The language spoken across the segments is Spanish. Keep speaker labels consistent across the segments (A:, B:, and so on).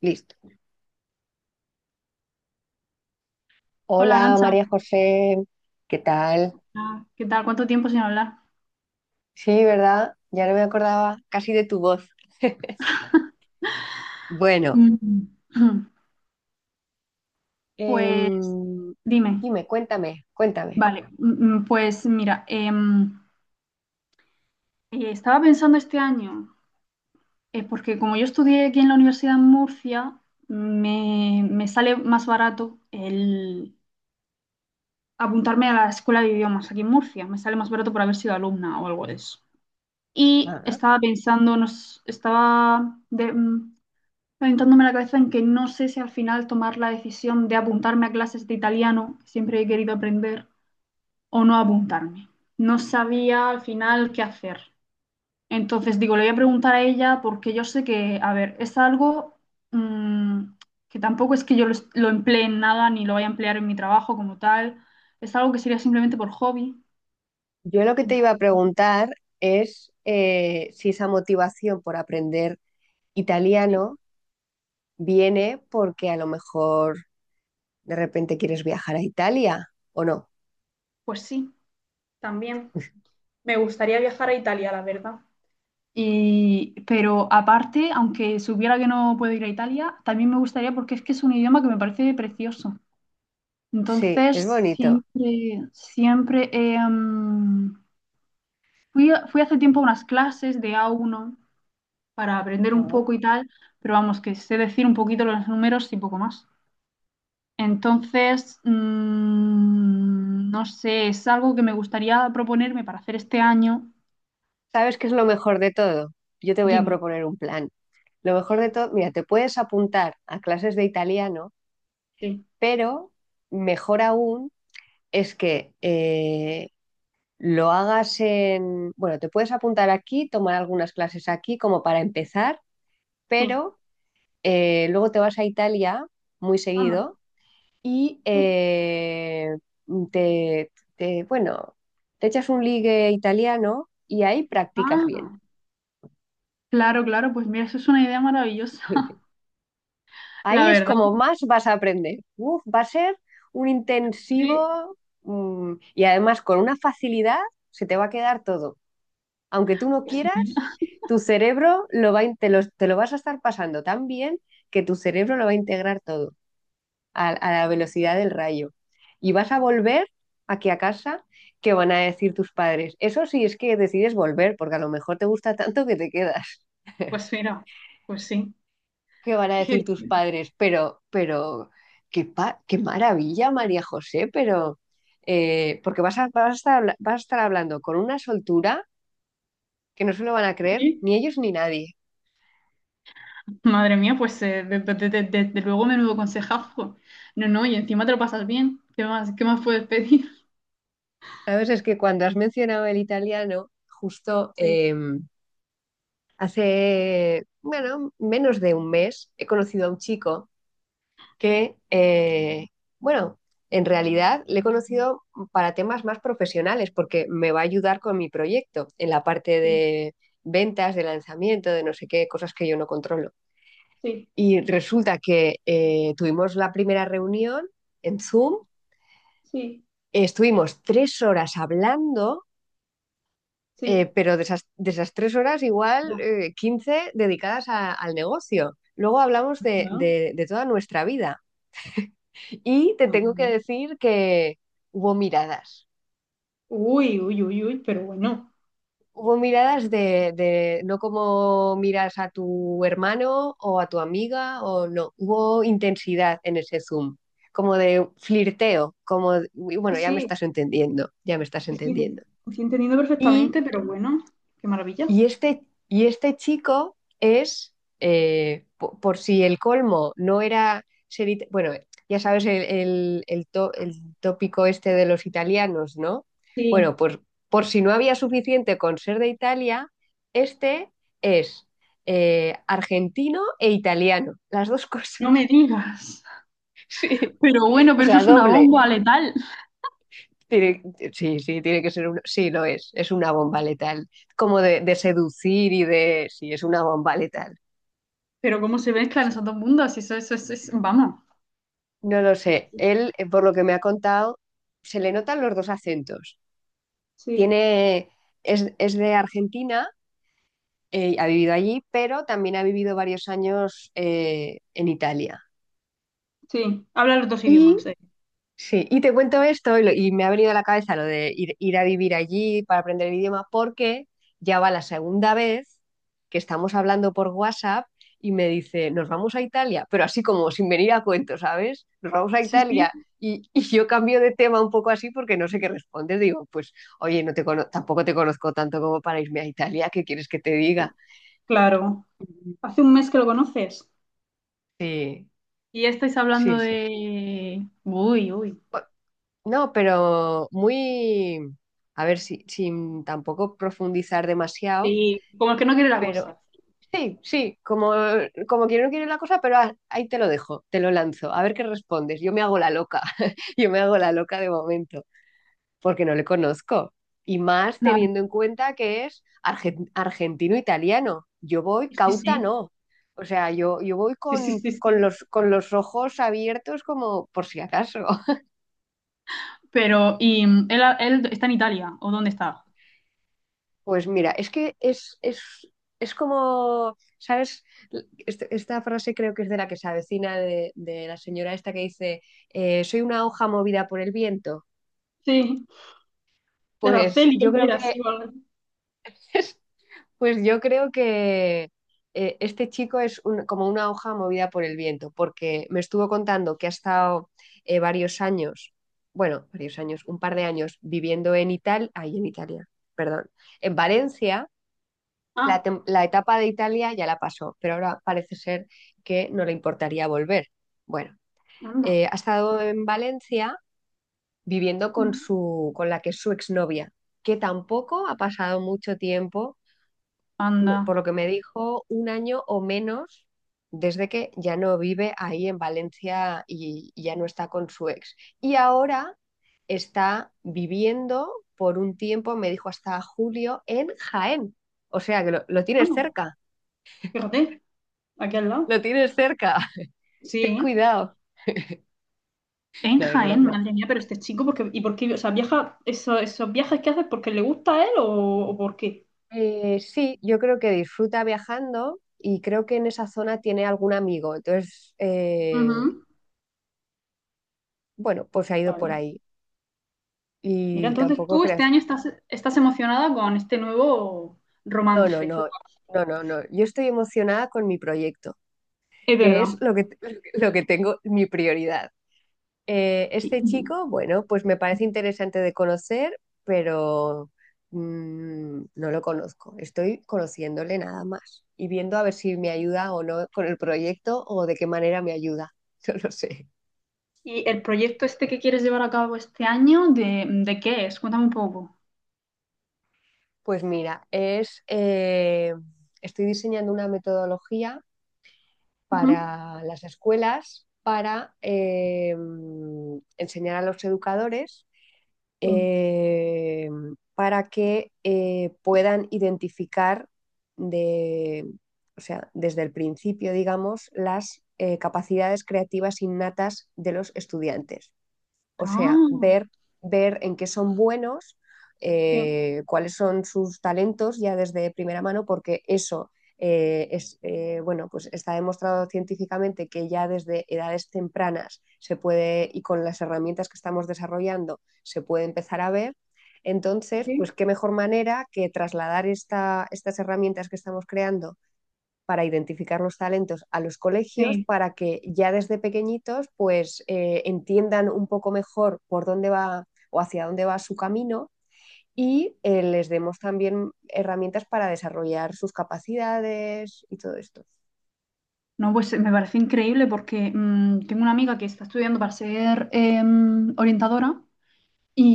A: Listo.
B: Hola,
A: Hola
B: Arancha.
A: María José, ¿qué tal?
B: ¿Qué tal? ¿Cuánto tiempo sin hablar?
A: Sí, ¿verdad? Ya no me acordaba casi de tu voz. Bueno,
B: Mm. Pues
A: em,
B: dime.
A: dime, cuéntame.
B: Vale, pues mira, estaba pensando este año, porque como yo estudié aquí en la Universidad de Murcia, me sale más barato el apuntarme a la escuela de idiomas aquí en Murcia, me sale más barato por haber sido alumna o algo de eso. Y
A: Ah,
B: estaba pensando, nos, estaba de- mm, aventándome la cabeza en que no sé si al final tomar la decisión de apuntarme a clases de italiano, que siempre he querido aprender, o no apuntarme. No sabía al final qué hacer. Entonces digo, le voy a preguntar a ella porque yo sé que, a ver, es algo mm, que tampoco es que lo emplee en nada ni lo vaya a emplear en mi trabajo como tal. Es algo que sería simplemente por hobby.
A: yo lo que te iba
B: Entonces,
A: a preguntar es si esa motivación por aprender
B: sí,
A: italiano viene porque a lo mejor de repente quieres viajar a Italia o no.
B: pues sí, también. Me gustaría viajar a Italia, la verdad. Y, pero aparte, aunque supiera que no puedo ir a Italia, también me gustaría porque es que es un idioma que me parece precioso.
A: Sí, es
B: Entonces,
A: bonito.
B: siempre, siempre fui hace tiempo a unas clases de A1 para aprender un poco y tal, pero vamos, que sé decir un poquito los números y poco más. Entonces, no sé, es algo que me gustaría proponerme para hacer este año.
A: ¿Sabes qué es lo mejor de todo? Yo te voy a
B: Dime.
A: proponer un plan. Lo mejor de todo, mira, te puedes apuntar a clases de italiano,
B: Sí,
A: pero mejor aún es que lo hagas en... Bueno, te puedes apuntar aquí, tomar algunas clases aquí como para empezar,
B: sí,
A: pero luego te vas a Italia muy
B: anda.
A: seguido y bueno, te echas un ligue italiano y ahí practicas bien.
B: Ah. Claro, claro, pues mira, eso es una idea maravillosa.
A: Ahí
B: La
A: es
B: verdad,
A: como más vas a aprender. Uf, va a ser un
B: sí.
A: intensivo, y además con una facilidad se te va a quedar todo. Aunque tú no
B: Pues
A: quieras,
B: mira,
A: tu cerebro lo va, te lo vas a estar pasando tan bien que tu cerebro lo va a integrar todo a la velocidad del rayo. Y vas a volver aquí a casa, ¿que van a decir tus padres? Eso sí es que decides volver, porque a lo mejor te gusta tanto que te quedas.
B: pues mira, pues sí.
A: Qué van a
B: Que-
A: decir tus padres, pero, qué, qué maravilla, María José, pero, porque vas a, vas a estar, vas a estar hablando con una soltura que no se lo van a creer
B: Sí.
A: ni ellos ni nadie.
B: Madre mía, pues desde luego menudo consejazo. No, no, y encima te lo pasas bien. Qué más puedes pedir?
A: Sabes, es que cuando has mencionado el italiano, justo
B: Sí,
A: hace, bueno, menos de un mes he conocido a un chico que, bueno, en realidad le he conocido para temas más profesionales porque me va a ayudar con mi proyecto en la parte
B: sí,
A: de ventas, de lanzamiento, de no sé qué, cosas que yo no controlo.
B: sí,
A: Y resulta que tuvimos la primera reunión en Zoom,
B: sí,
A: estuvimos 3 horas hablando,
B: sí.
A: pero de esas 3 horas igual
B: Ya.
A: 15 dedicadas al negocio. Luego hablamos de,
B: ¿No?
A: de toda nuestra vida. Y te
B: Ah,
A: tengo que
B: no.
A: decir que hubo miradas.
B: Uy, uy, uy, uy, pero bueno.
A: Hubo miradas de no como miras a tu hermano o a tu amiga o no. Hubo intensidad en ese Zoom, como de flirteo, como, de, "Uy,
B: Sí,
A: bueno, ya me
B: sí,
A: estás entendiendo, ya me estás
B: sí, sí, lo
A: entendiendo."
B: estoy entendiendo
A: Y
B: perfectamente, pero bueno, qué maravilla.
A: Y este, y este chico es, por, si el colmo no era ser, bueno, ya sabes el, el el tópico este de los italianos, ¿no? Bueno,
B: Sí,
A: pues por si no había suficiente con ser de Italia, este es argentino e italiano, las dos
B: no me
A: cosas,
B: digas.
A: sí,
B: Pero bueno,
A: o
B: pero eso
A: sea,
B: es una
A: doble.
B: bomba letal.
A: Tiene- sí, sí, tiene que ser uno, sí, lo es una bomba letal, como de seducir y de, sí, es una bomba letal.
B: Pero cómo se mezclan
A: Sí.
B: esos dos mundos, eso es, vamos.
A: No lo
B: Es-
A: sé. Él, por lo que me ha contado, se le notan los dos acentos.
B: Sí,
A: Tiene, es de Argentina, ha vivido allí, pero también ha vivido varios años en Italia.
B: sí, habla los dos
A: Y
B: idiomas.
A: sí, y te cuento esto y, y me ha venido a la cabeza lo de ir, ir a vivir allí para aprender el idioma, porque ya va la segunda vez que estamos hablando por WhatsApp y me dice, nos vamos a Italia, pero así como sin venir a cuento, ¿sabes? Nos vamos a
B: Sí, sí,
A: Italia. Y yo cambio de tema un poco así porque no sé qué responder. Digo, pues, oye, tampoco te conozco tanto como para irme a Italia, ¿qué quieres que te diga?
B: claro. Hace un mes que lo conoces.
A: Sí,
B: Y ya estáis hablando
A: sí, sí.
B: de... Uy, uy.
A: No, pero muy, a ver, si, sin tampoco profundizar demasiado,
B: Sí, como el que no quiere la
A: pero
B: cosa.
A: sí, sí, como, como quiero no quiero la cosa, pero ahí te lo dejo, te lo lanzo, a ver qué respondes. Yo me hago la loca, yo me hago la loca de momento, porque no le conozco. Y más
B: No,
A: teniendo en cuenta que es argentino-italiano. Yo voy
B: sí,
A: cauta,
B: sí,
A: no. O sea, yo voy
B: sí, sí, sí, sí.
A: con los ojos abiertos como por si acaso.
B: Pero, ¿y él está en Italia? ¿O dónde está?
A: Pues mira, es que es como, ¿sabes? Esta frase creo que es de La que se avecina de la señora esta que dice, soy una hoja movida por el viento.
B: Sí, de
A: Pues
B: Araceli,
A: yo
B: él
A: creo
B: era
A: que,
B: así. O algo. Así.
A: pues yo creo que este chico es como una hoja movida por el viento, porque me estuvo contando que ha estado varios años, bueno, varios años, un par de años viviendo en Italia, ahí en Italia, perdón, en Valencia la,
B: Ah,
A: la etapa de Italia ya la pasó, pero ahora parece ser que no le importaría volver. Bueno,
B: anda.
A: ha estado en Valencia viviendo con
B: Ujú.
A: su, con la que es su exnovia, que tampoco ha pasado mucho tiempo,
B: Anda.
A: por lo que me dijo, 1 año o menos desde que ya no vive ahí en Valencia y ya no está con su ex. Y ahora está viviendo por un tiempo, me dijo hasta julio, en Jaén. O sea que lo tienes
B: Vamos,
A: cerca.
B: fíjate, aquí al
A: Lo
B: lado.
A: tienes cerca,
B: Sí,
A: ten
B: ¿eh?
A: cuidado.
B: En
A: No, era
B: Jaén,
A: broma.
B: madre mía, pero este chico, porque, ¿y por qué? O sea, viaja, esos viajes que haces, ¿porque le gusta a él o por qué?
A: Sí, yo creo que disfruta viajando y creo que en esa zona tiene algún amigo. Entonces,
B: Ujú.
A: bueno, pues ha ido por
B: Vale.
A: ahí.
B: Mira,
A: Y
B: entonces
A: tampoco
B: tú este
A: creas,
B: año estás, estás emocionada con este nuevo
A: no, no,
B: romance.
A: no, no, no, no. Yo estoy emocionada con mi proyecto,
B: Es
A: que es
B: verdad.
A: lo que, lo que tengo, mi prioridad. Este
B: ¿Y,
A: chico, bueno, pues me parece interesante de conocer, pero no lo conozco. Estoy conociéndole nada más y viendo a ver si me ayuda o no con el proyecto o de qué manera me ayuda. No lo sé.
B: y el proyecto este que quieres llevar a cabo este año, de qué es? Cuéntame un poco.
A: Pues mira, es, estoy diseñando una metodología
B: Ujú.
A: para las escuelas para enseñar a los educadores
B: Sí.
A: eh, para que puedan identificar de, o sea, desde el principio, digamos, las capacidades creativas innatas de los estudiantes. O sea,
B: Ah,
A: ver, ver en qué son buenos,
B: sí,
A: cuáles son sus talentos ya desde primera mano, porque eso es, bueno, pues está demostrado científicamente que ya desde edades tempranas se puede, y con las herramientas que estamos desarrollando, se puede empezar a ver. Entonces, pues
B: sí,
A: qué mejor manera que trasladar esta, estas herramientas que estamos creando para identificar los talentos a los colegios
B: sí.
A: para que ya desde pequeñitos pues entiendan un poco mejor por dónde va o hacia dónde va su camino y les demos también herramientas para desarrollar sus capacidades y todo esto.
B: No, pues me parece increíble porque tengo una amiga que está estudiando para ser orientadora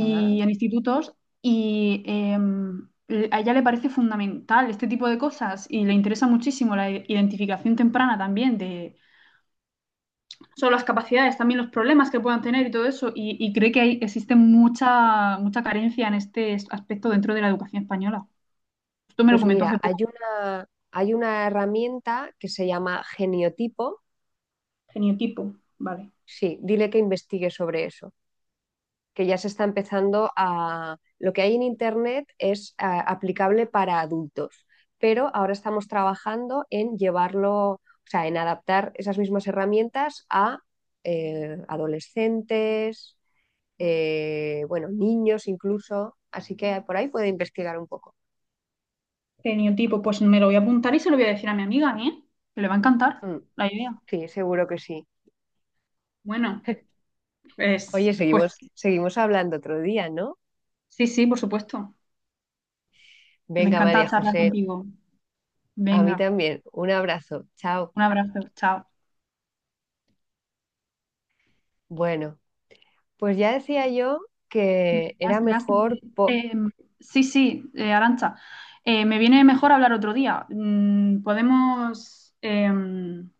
A: Ah,
B: en institutos y a ella le parece fundamental este tipo de cosas y le interesa muchísimo la identificación temprana también de no solo las capacidades, también los problemas que puedan tener y todo eso y cree que existe mucha, mucha carencia en este aspecto dentro de la educación española. Esto me lo
A: pues
B: comentó
A: mira,
B: hace poco.
A: hay una herramienta que se llama geniotipo.
B: Geniotipo, vale.
A: Sí, dile que investigue sobre eso. Que ya se está empezando a... Lo que hay en Internet es aplicable para adultos, pero ahora estamos trabajando en llevarlo, o sea, en adaptar esas mismas herramientas a adolescentes, bueno, niños incluso, así que por ahí puede investigar un poco.
B: Geniotipo, pues me lo voy a apuntar y se lo voy a decir a mi amiga, ¿eh? Que le va a encantar
A: Mm,
B: la idea.
A: sí, seguro que sí.
B: Bueno, pues,
A: Oye,
B: pues
A: seguimos, seguimos hablando otro día, ¿no?
B: sí, sí, por supuesto. Me
A: Venga, María
B: encanta charlar
A: José,
B: contigo.
A: a mí
B: Venga,
A: también. Un abrazo. Chao.
B: un abrazo, chao.
A: Bueno. Pues ya decía yo
B: Le
A: que era
B: has- le has-
A: mejor
B: eh, sí, sí, Arantxa, me viene mejor hablar otro día. Podemos... em,